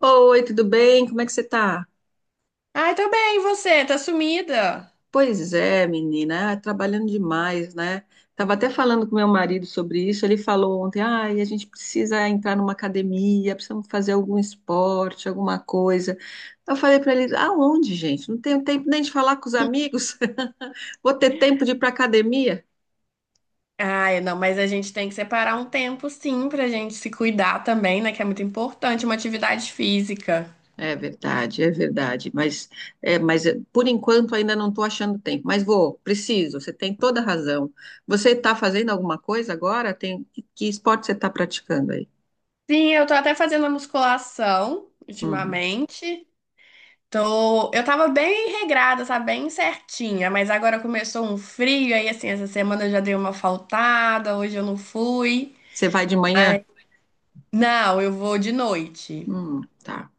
Oi, tudo bem? Como é que você tá? Ai, tô bem, e você? Tá sumida? Pois é, menina, ah, trabalhando demais, né? Tava até falando com meu marido sobre isso. Ele falou ontem: ai, a gente precisa entrar numa academia, precisamos fazer algum esporte, alguma coisa. Eu falei pra ele: aonde, gente? Não tenho tempo nem de falar com os amigos. Vou ter tempo de ir pra academia? Ai, não, mas a gente tem que separar um tempo, sim, pra gente se cuidar também, né? Que é muito importante, uma atividade física. É verdade, é verdade. Mas é, por enquanto ainda não estou achando tempo. Mas vou, preciso. Você tem toda a razão. Você está fazendo alguma coisa agora? Que esporte você está praticando aí? Sim, eu tô até fazendo a musculação Uhum. ultimamente. Eu tava bem regrada, sabe? Bem certinha, mas agora começou um frio, aí assim, essa semana eu já dei uma faltada, hoje eu não fui. Você vai de manhã? Ai, não, eu vou de noite. Tá.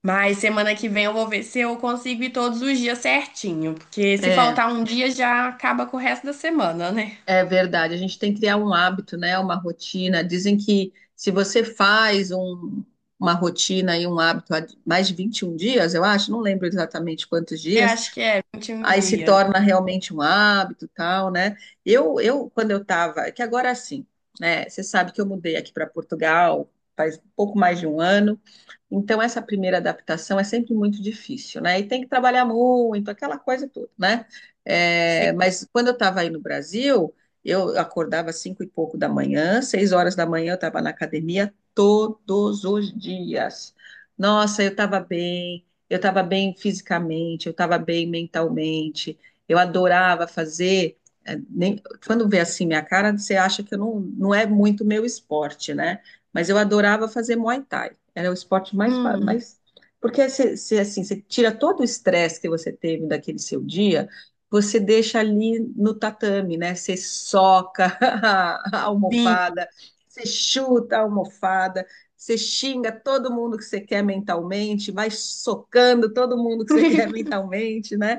Mas semana que vem eu vou ver se eu consigo ir todos os dias certinho, porque se É, faltar um dia já acaba com o resto da semana, né? é verdade. A gente tem que criar um hábito, né? Uma rotina. Dizem que se você faz uma rotina e um hábito há mais de 21 dias, eu acho, não lembro exatamente quantos Eu dias, acho que é 21 aí se dias. torna realmente um hábito, tal, né? Eu quando eu tava, é que agora sim, né? Você sabe que eu mudei aqui para Portugal faz pouco mais de um ano. Então, essa primeira adaptação é sempre muito difícil, né? E tem que trabalhar muito, aquela coisa toda, né? É, Sim. mas quando eu estava aí no Brasil, eu acordava às cinco e pouco da manhã, 6 horas da manhã eu estava na academia todos os dias. Nossa, eu estava bem fisicamente, eu estava bem mentalmente, eu adorava fazer. É, quando vê assim minha cara, você acha que eu não, não é muito meu esporte, né? Mas eu adorava fazer Muay Thai. Era o esporte mais, Hum, mais. Porque você, você, assim, você tira todo o estresse que você teve daquele seu dia, você deixa ali no tatame, né? Você soca a sim, almofada, você chuta a almofada, você xinga todo mundo que você quer mentalmente, vai socando todo mundo que você quer mentalmente, né?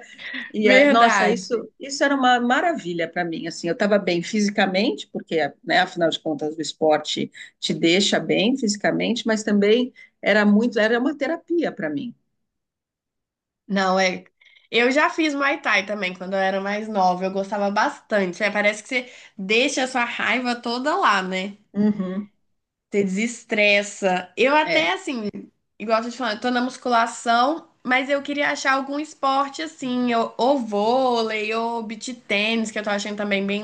E, nossa, verdade. isso era uma maravilha para mim. Assim, eu estava bem fisicamente, porque, né, afinal de contas, o esporte te deixa bem fisicamente, mas também era muito, era uma terapia para mim. Não, é. Eu já fiz Muay Thai também quando eu era mais nova, eu gostava bastante. É, parece que você deixa a sua raiva toda lá, né? Uhum, Você desestressa. Eu até, é. assim, igual eu tô te falando, eu tô na musculação, mas eu queria achar algum esporte, assim, ou vôlei, ou beach tênis, que eu tô achando também bem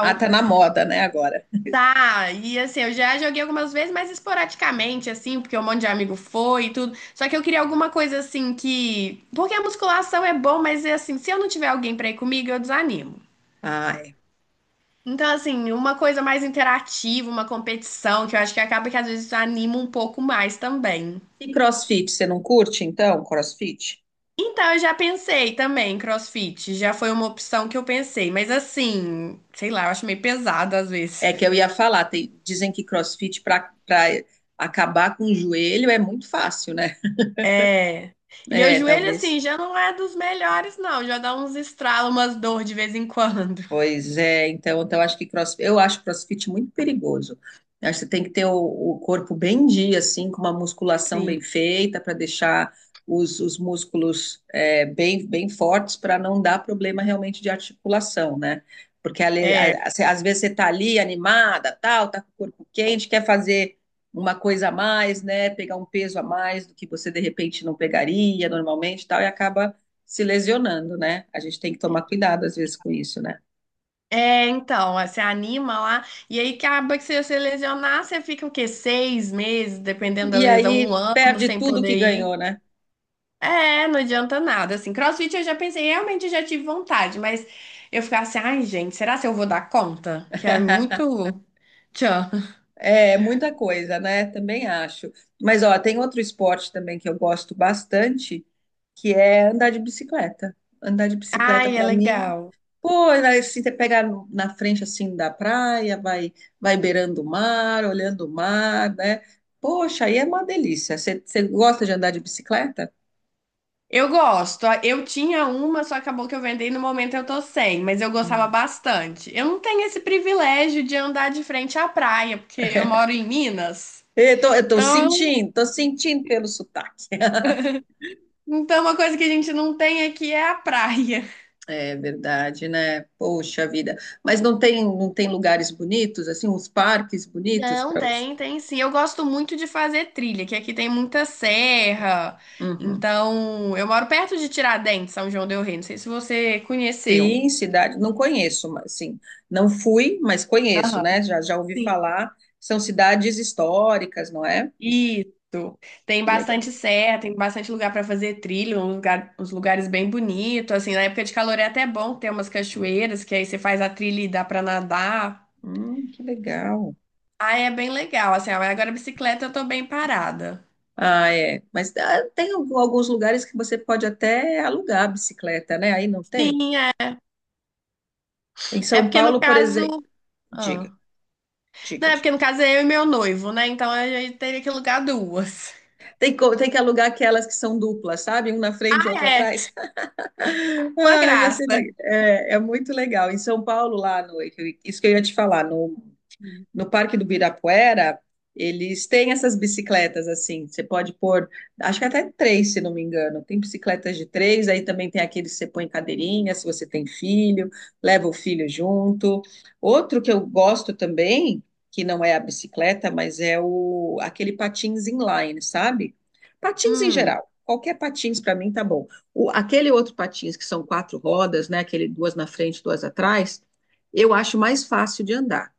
Ah, tá na moda, né, agora. Tá, e assim, eu já joguei algumas vezes, mas esporadicamente, assim, porque um monte de amigo foi e tudo. Só que eu queria alguma coisa, assim, que... Porque a musculação é bom, mas, é assim, se eu não tiver alguém pra ir comigo, eu desanimo. Ah, é. Então, assim, uma coisa mais interativa, uma competição, que eu acho que acaba que às vezes anima um pouco mais também. E CrossFit, você não curte, então, CrossFit? Então, eu já pensei também, CrossFit, já foi uma opção que eu pensei, mas assim, sei lá, eu acho meio pesado às vezes. É que eu ia falar, dizem que CrossFit para para acabar com o joelho é muito fácil, né? É. E meu É, joelho, talvez. assim, já não é dos melhores, não, já dá uns estralos, umas dor de vez em quando. Pois é, então, então acho que cross, eu acho CrossFit muito perigoso. Eu acho que você tem que ter o corpo bem em dia, assim, com uma musculação Sim. bem feita para deixar os músculos é, bem, bem fortes para não dar problema realmente de articulação, né? Porque às vezes você tá ali animada, tal, tá com o corpo quente, quer fazer uma coisa a mais, né? Pegar um peso a mais do que você de repente não pegaria normalmente, tal, e acaba se lesionando, né? A gente tem que tomar cuidado às vezes com isso, né? É, então, ó, você anima lá, e aí acaba que se você lesionar, você fica o quê? Seis meses, dependendo da E lesão, um aí ano perde sem tudo que poder ganhou, ir. né? É, não adianta nada. Assim, CrossFit eu já pensei, realmente já tive vontade, mas eu ficava assim, ai, gente, será que eu vou dar conta? Que é muito. Tchan. É muita coisa, né? Também acho. Mas ó, tem outro esporte também que eu gosto bastante, que é andar de bicicleta. Andar de bicicleta Ai, é para mim, legal. pô, assim, você pega na frente assim da praia, vai beirando o mar, olhando o mar, né? Poxa, aí é uma delícia. Você gosta de andar de bicicleta? Eu gosto. Eu tinha uma, só acabou que eu vendei no momento eu tô sem, mas eu gostava Hum. bastante. Eu não tenho esse privilégio de andar de frente à praia, porque eu moro em Minas. Eu tô Então, sentindo, tô sentindo pelo sotaque. então uma coisa que a gente não tem aqui é a praia. É verdade, né? Poxa vida. Mas não tem, não tem lugares bonitos, assim, uns parques bonitos Não, para você? tem, tem sim. Eu gosto muito de fazer trilha, que aqui tem muita serra. Uhum. Então, eu moro perto de Tiradentes, São João del Rei. Não sei se você conheceu. Sim, cidade, não conheço, mas sim, não fui, mas conheço, Aham, né? Já, já ouvi sim. falar. São cidades históricas, não é? Isso. Tem Que legal. bastante serra, tem bastante lugar para fazer trilha, um lugar- uns lugares bem bonitos. Assim, na época de calor é até bom ter umas cachoeiras, que aí você faz a trilha e dá para nadar. Que legal. Ah, é bem legal. Assim, agora a bicicleta eu tô bem parada. Ah, é. Mas ah, tem alguns lugares que você pode até alugar a bicicleta, né? Aí não tem? Sim, é. Em É São porque no Paulo, por exemplo. caso. Diga, Ah. Não, diga, é diga. porque no caso é eu e meu noivo, né? Então a gente teria que alugar duas. Tem que alugar aquelas que são duplas, sabe? Um na frente e outro É, atrás. uma Ai, ia graça. é muito legal. Em São Paulo, lá no. Isso que eu ia te falar, no Parque do Birapuera, eles têm essas bicicletas assim, você pode pôr, acho que até três, se não me engano. Tem bicicletas de três, aí também tem aqueles que você põe em cadeirinha, se você tem filho, leva o filho junto. Outro que eu gosto também, que não é a bicicleta, mas é o aquele patins inline, sabe? Patins em Hum, geral. Qualquer patins para mim tá bom. O, aquele outro patins que são quatro rodas, né? Aquele duas na frente, duas atrás, eu acho mais fácil de andar.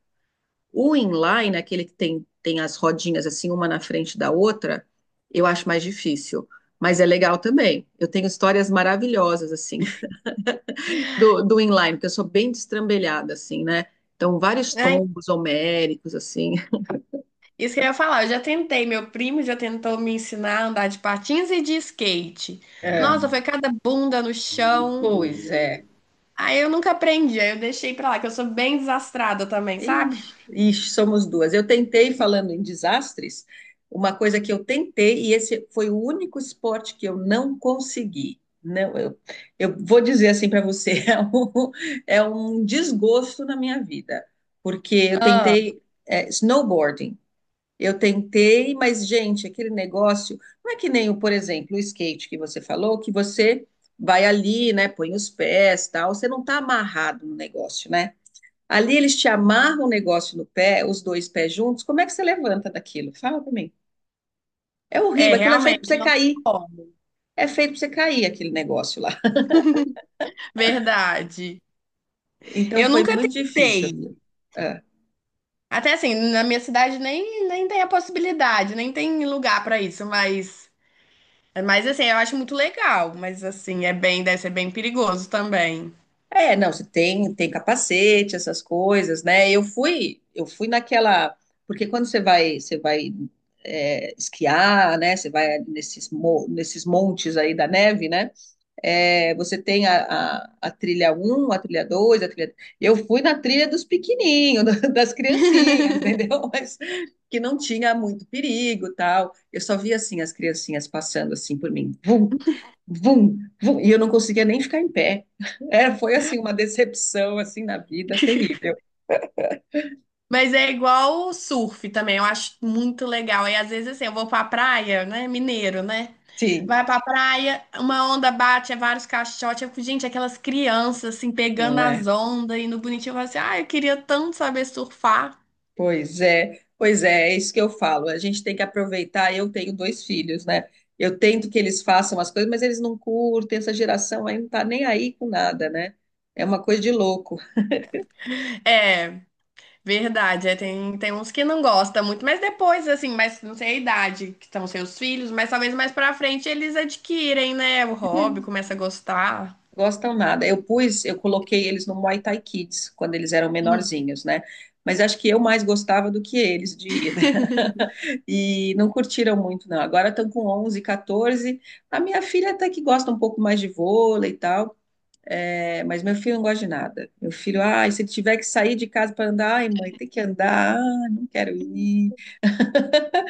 O inline, aquele que tem, tem as rodinhas assim, uma na frente da outra, eu acho mais difícil. Mas é legal também. Eu tenho histórias maravilhosas, assim, do inline, porque eu sou bem destrambelhada, assim, né? Então, vários é, tombos homéricos, assim. isso que eu ia falar. Eu já tentei, meu primo já tentou me ensinar a andar de patins e de skate. É, Nossa, foi cada bunda no chão. pois é. Aí eu nunca aprendi, aí eu deixei pra lá, que eu sou bem desastrada também, sabe? Ixi, ixi, somos duas. Eu tentei, falando em desastres, uma coisa que eu tentei, e esse foi o único esporte que eu não consegui. Não, eu vou dizer assim para você, é um desgosto na minha vida, porque eu Ah, tentei, snowboarding. Eu tentei, mas, gente, aquele negócio não é que nem, o, por exemplo, o skate que você falou, que você vai ali, né, põe os pés, tal, você não está amarrado no negócio, né? Ali eles te amarram o negócio no pé, os dois pés juntos. Como é que você levanta daquilo? Fala pra mim. É é, horrível, aquilo é feito pra realmente, você não tem cair. como. É feito pra você cair aquele negócio lá. Verdade. Então Eu foi nunca muito difícil aquilo. tentei. É. Até assim, na minha cidade nem tem a possibilidade, nem tem lugar pra isso, mas assim, eu acho muito legal, mas assim, é bem, deve ser bem perigoso também. É, não, você tem, tem capacete, essas coisas, né? Eu fui naquela, porque quando você vai, é, esquiar, né? Você vai nesses, nesses montes aí da neve, né? É, você tem a, a trilha um, a trilha 2, a trilha. Eu fui na trilha dos pequenininhos, das criancinhas, entendeu? Mas que não tinha muito perigo, tal. Eu só via assim as criancinhas passando assim por mim, vum, vum, vum, e eu não conseguia nem ficar em pé. Era, foi assim uma decepção assim na vida terrível. Mas é igual o surf também, eu acho muito legal. E às vezes assim, eu vou pra praia, né? Mineiro, né? Sim, Vai pra praia, uma onda bate, é vários caixotes. Eu fico, gente, aquelas crianças assim, pegando não as é. ondas e no bonitinho, eu falo assim, ah, eu queria tanto saber surfar. Pois é, pois é, é isso que eu falo. A gente tem que aproveitar. Eu tenho dois filhos, né? Eu tento que eles façam as coisas, mas eles não curtem. Essa geração aí não tá nem aí com nada, né? É uma coisa de louco. É. Verdade, é, tem uns que não gostam muito, mas depois, assim, mas não sei a idade que estão seus filhos, mas talvez mais pra frente eles adquirem, né, o hobby, É. começa a gostar. Gostam nada. Eu coloquei eles no Muay Thai Kids quando eles eram Hum. menorzinhos, né? Mas acho que eu mais gostava do que eles de ir, né? E não curtiram muito, não. Agora estão com 11, 14. A minha filha até que gosta um pouco mais de vôlei e tal. É, mas meu filho não gosta de nada. Meu filho, ai, se ele tiver que sair de casa para andar, ai, mãe, tem que andar, ai, não quero ir.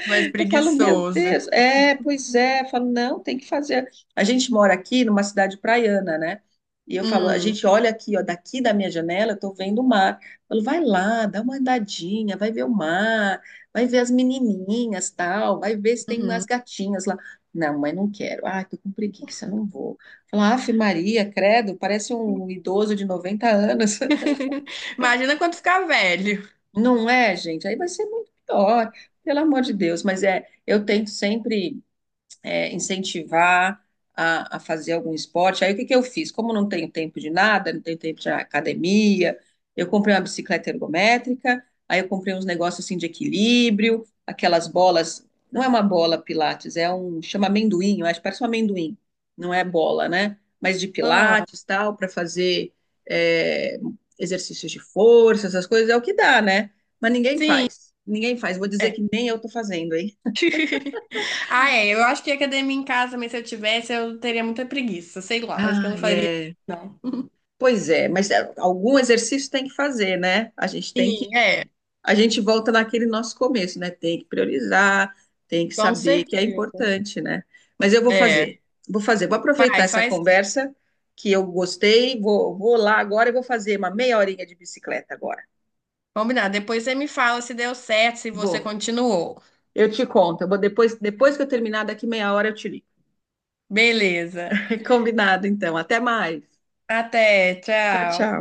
Mais Eu falo, meu preguiçoso. Deus, é, pois é. Eu falo, não, tem que fazer. A gente mora aqui numa cidade praiana, né? E eu falo, a Hum, gente olha aqui, ó, daqui da minha janela, eu tô vendo o mar. Eu falo, vai lá, dá uma andadinha, vai ver o mar, vai ver as menininhas, tal, vai ver se tem umas uhum. gatinhas lá. Não, mas não quero. Ah, tô com preguiça, não vou. Falar, afe Maria, credo, parece um idoso de 90 anos. Imagina quando ficar velho. Não é, gente? Aí vai ser muito pior, pelo amor de Deus. Mas é, eu tento sempre incentivar a fazer algum esporte. Aí o que que eu fiz? Como não tenho tempo de nada, não tenho tempo de academia, eu comprei uma bicicleta ergométrica, aí eu comprei uns negócios assim de equilíbrio, aquelas bolas, não é uma bola Pilates, é um, chama amendoim, eu acho, que parece um amendoim, não é bola, né? Mas de Ah, Pilates, tal, para fazer é, exercícios de força, essas coisas, é o que dá, né? Mas ninguém sim, faz, ninguém faz. Vou dizer é. que nem eu tô fazendo, hein? Ah, é, eu acho que academia em casa, mas se eu tivesse, eu teria muita preguiça, sei lá, acho que eu Ah, não faria, é. não. Pois é, mas é, algum exercício tem que fazer, né? Sim, é, A gente volta naquele nosso começo, né? Tem que priorizar, tem que com saber que é certeza. importante, né? Mas eu vou É, fazer, vou fazer, vou aproveitar faz, essa faz conversa que eu gostei, vou lá agora e vou fazer uma meia horinha de bicicleta agora. Combinado. Depois você me fala se deu certo, se você Vou. continuou. Eu te conto, eu vou depois, depois que eu terminar daqui meia hora eu te ligo. Beleza. Combinado, então. Até mais. Até, Tchau, tchau. tchau.